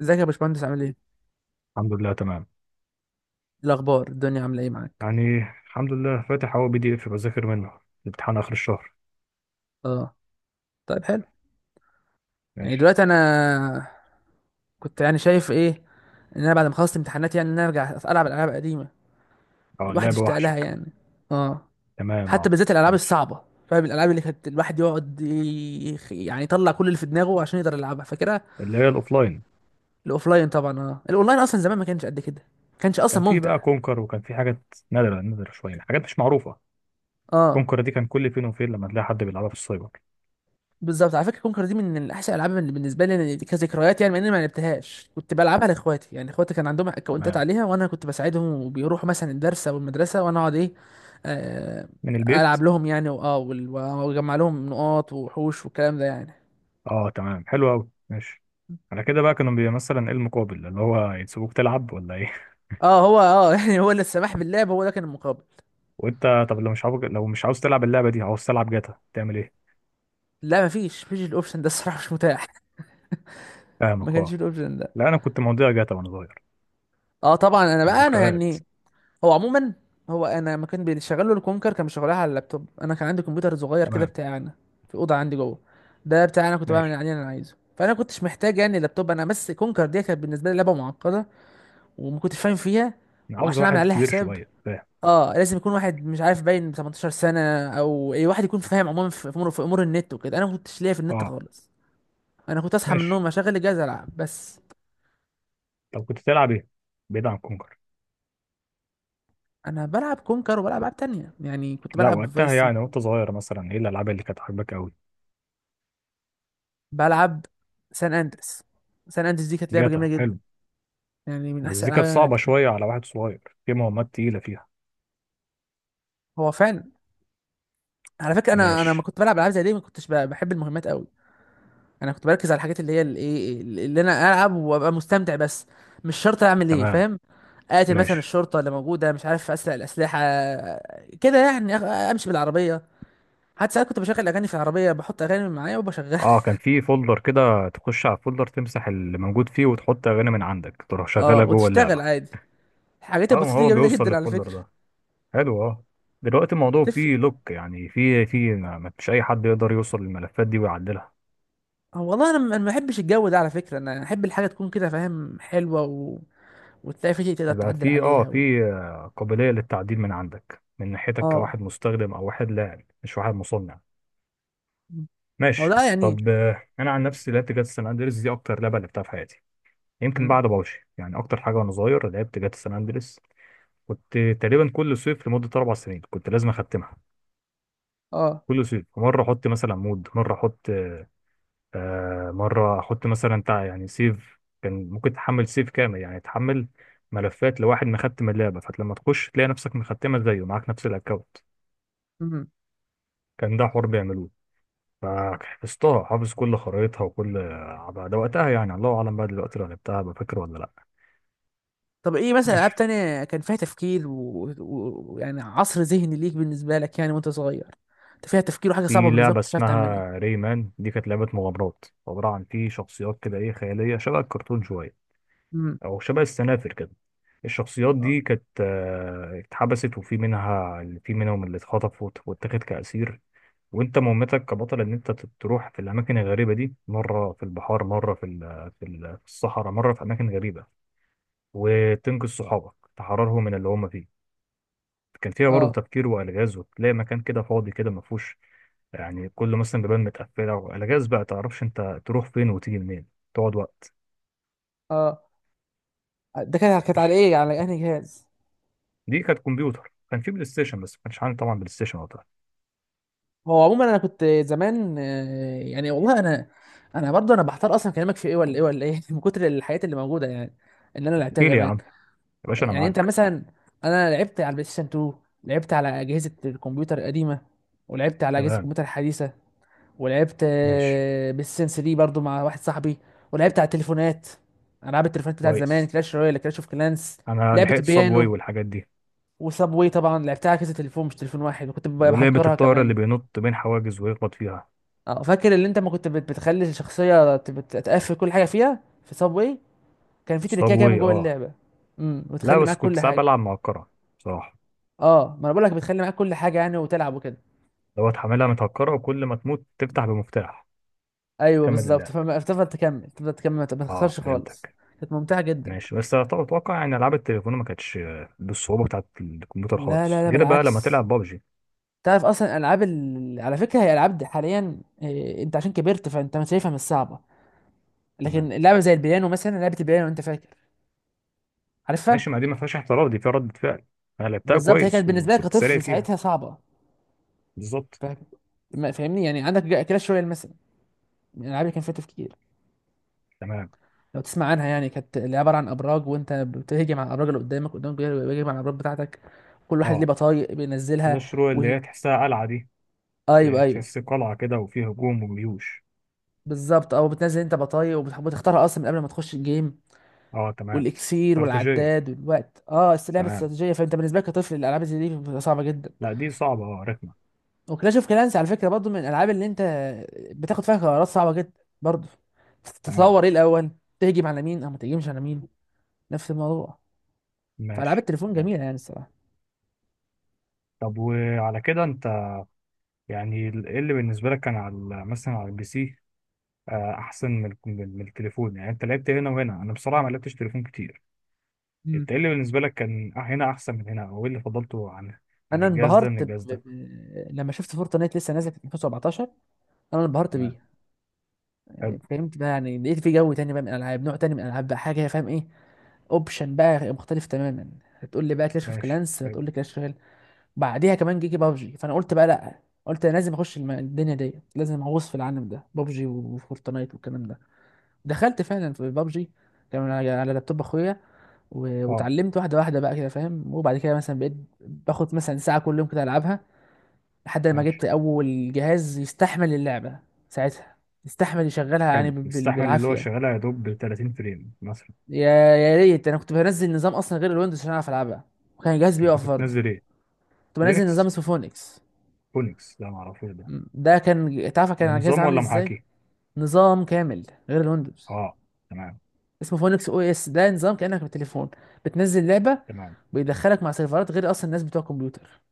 ازيك يا باشمهندس عامل ايه؟ إيه الحمد لله تمام. الاخبار الدنيا عامله ايه معاك؟ يعني الحمد لله فاتح اهو بي دي اف بذاكر منه الامتحان اخر الشهر. اه، طيب حلو. يعني ماشي. دلوقتي انا كنت يعني شايف ايه ان انا بعد ما خلصت امتحانات يعني ان انا ارجع العب الالعاب القديمه. اه الواحد اللعبه اشتاق لها وحشك. يعني. اه، تمام حتى اه. بالذات الالعاب ماشي. الصعبه. فاهم الالعاب اللي كانت الواحد يقعد يطلع كل اللي في دماغه عشان يقدر يلعبها فاكرها. اللي هي الاوفلاين. الاوفلاين طبعا، اه الاونلاين اصلا زمان ما كانش قد كده. ما كانش اصلا كان في بقى ممتع. كونكر وكان في حاجات نادره نادره، شويه حاجات مش معروفه. اه، كونكر دي كان كل فين وفين لما تلاقي حد بيلعبها في السايبر. بالظبط، على فكره كونكر دي من احسن الالعاب اللي بالنسبه لي يعني كذكريات. يعني مع اني ما لعبتهاش كنت بلعبها لاخواتي، يعني اخواتي كان عندهم اكونتات تمام. عليها وانا كنت بساعدهم وبيروحوا مثلا الدرس او المدرسه وانا اقعد ايه، آه، من البيت. العب لهم يعني، واجمع لهم نقاط وحوش والكلام ده يعني. اه تمام حلو قوي. ماشي. على كده بقى كانوا مثلا ايه المقابل اللي هو يسيبوك تلعب ولا ايه؟ اه هو اه يعني هو اللي السماح باللعب هو ده كان المقابل. وانت؟ طب لو مش عاوز، لو مش عاوز تلعب اللعبه دي، عاوز تلعب جاتا تعمل ايه؟ لا، مفيش الاوبشن ده الصراحه، مش متاح. ما فاهمك كانش فيه اه. الاوبشن ده. لا انا كنت مضيع جاتا وانا صغير. اه طبعا، انا كان بقى انا ذكريات. يعني هو عموما، هو انا لما كان بيشغله الكونكر كان بيشغلها على اللابتوب، انا كان عندي كمبيوتر صغير كده تمام بتاعي انا، في اوضه عندي جوه. ده بتاعي انا كنت بعمل ماشي. عليه اللي انا عايزه، فانا كنتش محتاج يعني لابتوب. انا بس كونكر دي كانت بالنسبه لي لعبه معقده، وما كنتش فاهم فيها. انا عاوز وعشان اعمل واحد عليها كبير حساب شويه فاهم. اه لازم يكون واحد مش عارف باين 18 سنه، او اي واحد يكون فاهم عموما في امور، في امور النت وكده. انا ما كنتش ليا في النت اه خالص. انا كنت اصحى من ماشي. النوم اشغل الجهاز العب بس. طب كنت تلعب ايه؟ بعيد عن كونكر. انا بلعب كونكر وبلعب العاب تانية، يعني كنت لا بلعب وقتها فايس، يعني، وانت صغير، مثلا ايه الالعاب اللي كانت عاجباك قوي؟ بلعب سان اندريس. سان اندريس دي كانت لعبه جاتا جميله جدا، حلو. يعني من بس احسن دي الالعاب كانت اللي انا صعبه لعبتها. شويه على واحد صغير، في مهمات تقيله فيها. هو فعلا، على فكره انا ما ماشي. كنت بلعب العاب زي دي، ما كنتش بحب المهمات قوي. انا كنت بركز على الحاجات اللي هي الايه اللي انا العب وابقى مستمتع بس. مش شرط اعمل ايه، تمام. فاهم. اقتل مثلا ماشي الشرطه اللي موجوده، مش عارف اسرق الاسلحه كده يعني، امشي بالعربيه. حتى ساعات كنت بشغل اغاني في العربيه، بحط اغاني معايا وبشغلها. اه. كان في فولدر كده، تخش على الفولدر تمسح اللي موجود فيه وتحط اغاني من عندك تروح شغالها اه، جوه وتشتغل اللعبه. عادي. الحاجات اه ما البسيطه دي هو جميله بيوصل جدا على للفولدر فكره. ده. حلو اه. دلوقتي الموضوع تفرق. فيه لوك، يعني فيه ما فيش اي حد يقدر يوصل للملفات دي ويعدلها. هو والله انا ما بحبش الجو ده على فكره. انا احب الحاجه تكون كده فاهم، حلوه، و... وتلاقي في شيء تقدر يبقى تعدل في اه عليها. و... في قابلية للتعديل من عندك، من ناحيتك، اه، كواحد مستخدم او واحد لاعب، مش واحد مصنع. مم. هو ماشي. ده يعني. طب انا عن نفسي لعبت جاتا سان اندريس، دي اكتر لعبة لعبتها في حياتي. يمكن مم. بعد بابجي. يعني اكتر حاجة وانا صغير لعبت جاتا سان اندريس. كنت تقريبا كل صيف لمدة اربع سنين كنت لازم اختمها. اه، كل صيف مرة احط مثلا مود، مرة احط آه، مرة احط مثلا يعني سيف. كان ممكن تحمل سيف كامل، يعني تحمل ملفات لواحد مختم اللعبة، فلما تخش تلاقي نفسك مختمة زيه، معاك نفس الاكونت. مم. كان ده حوار بيعملوه. فحفظتها، حافظ كل خرايطها وكل عبها ده. وقتها يعني، الله اعلم بقى دلوقتي لو لعبتها بفكر ولا لا. طب ايه مثلا العاب ماشي. تانية كان فيها تفكير ويعني، و... و... يعني عصر ذهني ليك بالنسبه لك يعني وانت صغير، انت فيها تفكير وحاجه صعبه في بالنسبه لك لعبة كنت مش عارف تعملها. اسمها ريمان، دي كانت لعبة مغامرات عبارة عن في شخصيات كده ايه، خيالية شبه الكرتون شوية، مم. او شبه السنافر كده. الشخصيات اه، دي كانت اتحبست، وفي منها، في منهم اللي اتخطف واتاخد كأسير. وانت مهمتك كبطل ان انت تروح في الاماكن الغريبة دي، مرة في البحار، مرة في الصحراء، مرة في اماكن غريبة، وتنقذ صحابك تحررهم من اللي هم فيه. كان فيها برضه اه، تفكير والغاز، وتلاقي مكان كده فاضي كده ما فيهوش، يعني كله مثلا بيبان متقفله، والغاز بقى تعرفش انت تروح فين وتيجي منين. تقعد وقت. اه، ده كانت ماشي. على ايه، على انهي جهاز؟ دي كانت كمبيوتر. كان في بلاي ستيشن بس ما كانش عندي طبعا بلاي ستيشن وقتها. هو عموما انا كنت زمان آه، يعني والله انا، انا برضه انا بحتار اصلا كلامك في ايه ولا ايه ولا ايه من كتر الحاجات اللي موجوده يعني اللي انا لعبتها احكي لي يا زمان. عم، يا باشا انا يعني انت معاك. مثلا، انا لعبت على البلاي ستيشن 2، لعبت على اجهزه الكمبيوتر القديمه، ولعبت على اجهزه تمام الكمبيوتر الحديثه، ولعبت ماشي. آه، بلاي ستيشن 3 برضه مع واحد صاحبي، ولعبت على التليفونات، العاب التليفونات بتاعت زمان، كويس. كلاش رويال، كلاش اوف كلانس، انا لعبه لحقت صابواي البيانو. والحاجات دي. وسابوي طبعا لعبتها على كذا تليفون، مش تليفون واحد، وكنت ولعبه بهكرها الطائره كمان. اللي بينط بين حواجز ويخبط فيها. اه فاكر اللي انت ما كنت بتخلي الشخصيه تقفل كل حاجه فيها في صاب واي. كان في تريكايه كده من صابواي جوه اه. اللعبه. امم، لا وتخلي بس معاك كنت كل ساعات حاجه. بلعب مع الكره، بصراحه. اه ما انا بقول لك بتخلي معاك كل حاجه يعني، وتلعب وكده. لو هتحملها متهكرة، وكل ما تموت تفتح بمفتاح ايوه تكمل بالظبط، اللعب. فما تفضل تكمل تفضل تكمل، ما اه تخسرش خالص. فهمتك. كانت ممتعه جدا. ماشي. بس اتوقع يعني العاب التليفون ما كانتش بالصعوبة بتاعت الكمبيوتر لا خالص، لا لا، غير بقى لما بالعكس. تلعب بابجي. تعرف اصلا العاب ال... على فكره هي العاب دي حاليا إيه... انت عشان كبرت فانت ما شايفها مش صعبه. لكن تمام. لعبه زي البيانو مثلا، لعبه البيانو انت فاكر، ماشي، عارفها. ما دي ما فيهاش احتراف، دي فيها ردة فعل. انا لعبتها بالظبط، هي كانت كويس بالنسبه لك وكنت سريع كطفل فيها. ساعتها صعبه. بالظبط. فاهم، ما فاهمني يعني. عندك كلاش رويال مثلا، من الالعاب اللي كان فيها تفكير. تمام لو تسمع عنها يعني، كانت اللي عباره عن ابراج وانت بتهجم على الابراج اللي قدامك، قدامك بيهجم على الابراج بتاعتك. كل واحد ليه اه. بطايق بينزلها. كلاش رويال اللي و... هي تحسها قلعة دي. ايوه، ايوه، تحس قلعة كده وفيها هجوم وجيوش. بالظبط. او بتنزل انت بطايق وبتحب تختارها اصلا من قبل ما تخش الجيم، اه تمام. والاكسير استراتيجية، والعداد والوقت. اه، بس لعبه تمام. استراتيجيه، فانت بالنسبه لك كطفل الالعاب زي دي بتبقى صعبه جدا. لا دي صعبة اه، رخمة. وكلاش اوف كلانس على فكره برضو من الالعاب اللي انت بتاخد فيها قرارات صعبه جدا برضو. تمام تتصور ايه الاول، تهجم على مين او ما تهجمش على مين. نفس الموضوع. فالعاب ماشي. التليفون تمام. جميله يعني الصراحه. طب وعلى كده انت، يعني إيه اللي بالنسبة لك كان على مثلا على البي سي، أحسن من الك- من من التليفون؟ يعني أنت لعبت هنا وهنا، أنا بصراحة ما لعبتش تليفون كتير. مم. أنت إيه اللي بالنسبة لك كان هنا أحسن من هنا، أو إيه اللي فضلته عن عن انا الجهاز ده من انبهرت ب... الجهاز ب... ده؟ لما شفت فورتنايت لسه نازله في 2017، انا انبهرت تمام. بيه. يعني حلو. فهمت بقى، يعني لقيت في جو تاني بقى من الالعاب، نوع تاني من الالعاب، بقى حاجه فاهم ايه، اوبشن بقى مختلف تماما. هتقول لي بقى كلاش اوف ماشي. كلانس، حلو. هتقول لي كلاش اوف، بعديها كمان جيجي بابجي، فانا قلت بقى لا. قلت انا لازم اخش الدنيا ديت، لازم اغوص في العالم ده، بابجي وفورتنايت والكلام ده. دخلت فعلا في بابجي. كان على على لابتوب اخويا، أه واتعلمت واحده واحده بقى كده فاهم، وبعد كده مثلا بقيت باخد مثلا ساعه كل يوم كده العبها، لحد ما جبت ماشي. اول جهاز يستحمل اللعبه ساعتها، يستحمل يشغلها يعني حلو، يستحمل اللي هو بالعافيه. شغالها يا دوب 30 فريم مثلا. يا يا ريت، انا كنت بنزل نظام اصلا غير الويندوز عشان اعرف العبها، وكان الجهاز كنت بيقف برضه. بتنزل إيه؟ كنت بنزل نظام لينكس؟ اسمه فونكس. أونكس، لا معرفوش ده. ده كان تعرف كان ده على الجهاز نظام عامل ولا ازاي، محاكي؟ نظام كامل غير الويندوز، أه تمام. اسمه فونكس او اس. ده نظام كانك بالتليفون بتنزل لعبه، تمام. بيدخلك مع سيرفرات غير اصلا الناس بتوع الكمبيوتر،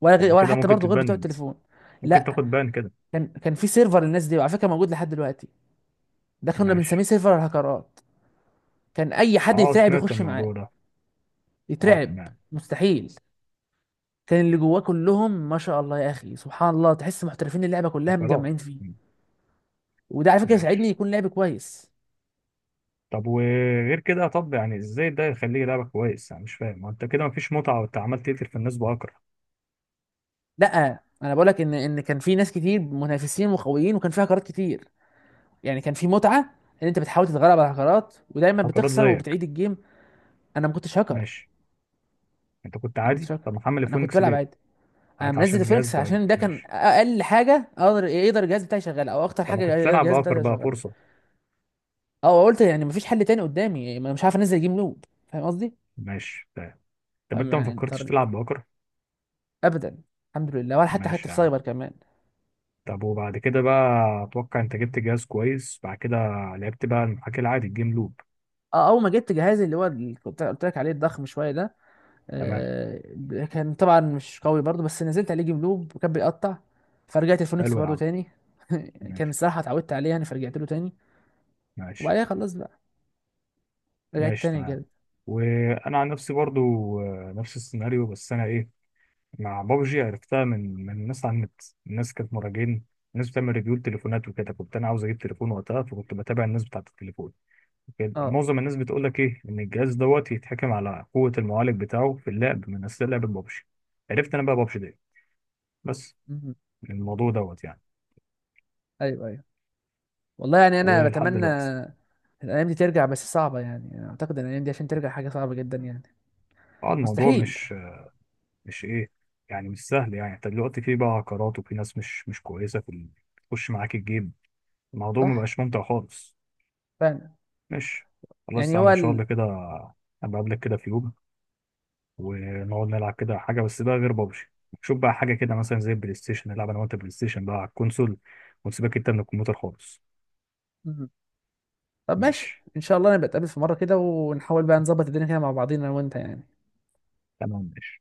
ولا طب غير، ما ولا كده حتى ممكن برضه غير بتوع تتبند، التليفون. ممكن لا، تاخد بان كده. كان في سيرفر للناس دي، وعلى فكره موجود لحد دلوقتي. ده كنا بنسميه ماشي. سيرفر الهكرات. كان اي حد اه يترعب سمعت يخش معاه. الموضوع ده. اه يترعب، تمام. مستحيل. كان اللي جواه كلهم ما شاء الله يا اخي سبحان الله، تحس محترفين اللعبه كلها فقرات. متجمعين فيه. مم، وده على فكره يساعدني ماشي. يكون لعب كويس. طب وغير كده، طب يعني ازاي ده يخليه لعبة كويس؟ انا مش فاهم، ما انت كده مفيش متعة وانت عمال تقتل في الناس بأكرة. لا انا بقول لك ان كان في ناس كتير منافسين وقويين وكان في هكرات كتير، يعني كان في متعه ان انت بتحاول تتغلب على الهكرات ودايما فقرات بتخسر زيك. وبتعيد الجيم. انا ما كنتش هاكر. ماشي. انت كنت انا ما كنتش عادي، هاكر، طب محمل انا كنت فونكس بلعب ليه؟ عادي. انا قعدت منزل عشان الجهاز الفينكس ضعيف، عشان ده كان ماشي. اقل حاجه اقدر، يقدر الجهاز بتاعي يشغلها، او اكتر طب ما حاجه كنت يقدر تلعب الجهاز بتاعي بأكر بقى، يشغلها. فرصة. اه قلت يعني مفيش حل تاني قدامي، ما أنا مش عارف انزل جيم لود فاهم قصدي، ماشي طيب. طب انت فما ما يعني فكرتش اضطريت. تلعب بأكر؟ ابدا، الحمد لله، ولا حتى ماشي في يا عم. سايبر كمان. طب وبعد كده بقى، اتوقع انت جبت جهاز كويس بعد كده، لعبت بقى المحاكي العادي الجيم لوب. اه، اول ما جبت جهازي اللي هو اللي كنت قلت لك عليه الضخم شويه ده، تمام. آه، كان طبعا مش قوي برضو، بس نزلت عليه جيم لوب وكان بيقطع، فرجعت الفونكس حلو يا برضو عم. تاني. كان ماشي. الصراحة اتعودت عليه يعني، فرجعت له تاني. ماشي. وبعدها خلاص بقى، رجعت ماشي تاني تمام. جد. وانا عن نفسي برضو نفس السيناريو، بس انا ايه، مع بابجي عرفتها من الناس على النت. الناس كانت مراجعين، الناس بتعمل ريفيو لتليفونات وكده. كنت انا عاوز اجيب تليفون وقتها، فكنت بتابع الناس بتاعت التليفون كده. اه، معظم الناس بتقول لك ايه، ان الجهاز دوت يتحكم على قوة المعالج بتاعه في اللعب من اثناء لعب بابجي. عرفت انا بقى بابجي دي بس مهم. من الموضوع دوت يعني. ايوه، ايوه، والله يعني انا ولحد بتمنى دلوقتي الايام دي ترجع، بس صعبة يعني، أنا اعتقد ان الايام دي عشان ترجع حاجة صعبة جدا يعني، اه. الموضوع مستحيل. مش، مش ايه، يعني مش سهل. يعني انت دلوقتي في بقى عقارات، وفي ناس مش كويسه في بتخش معاك الجيب. الموضوع صح، مبقاش ممتع خالص. فعلا. ماشي، خلاص يعني هو استعمل ان شاء ال... الله كده. ابقى قبلك كده في يوم ونقعد نلعب كده حاجه، بس بقى غير بابجي. شوف بقى حاجه كده، مثلا زي البلاي ستيشن، نلعب انا وانت بلاي ستيشن بقى على الكونسول، ونسيبك انت من الكمبيوتر خالص. مهم. طب ماشي ماشي ان شاء الله نبقى نتقابل في مرة كده، ونحاول بقى نظبط الدنيا كده مع بعضينا انا وانت يعني. تمام ماشي.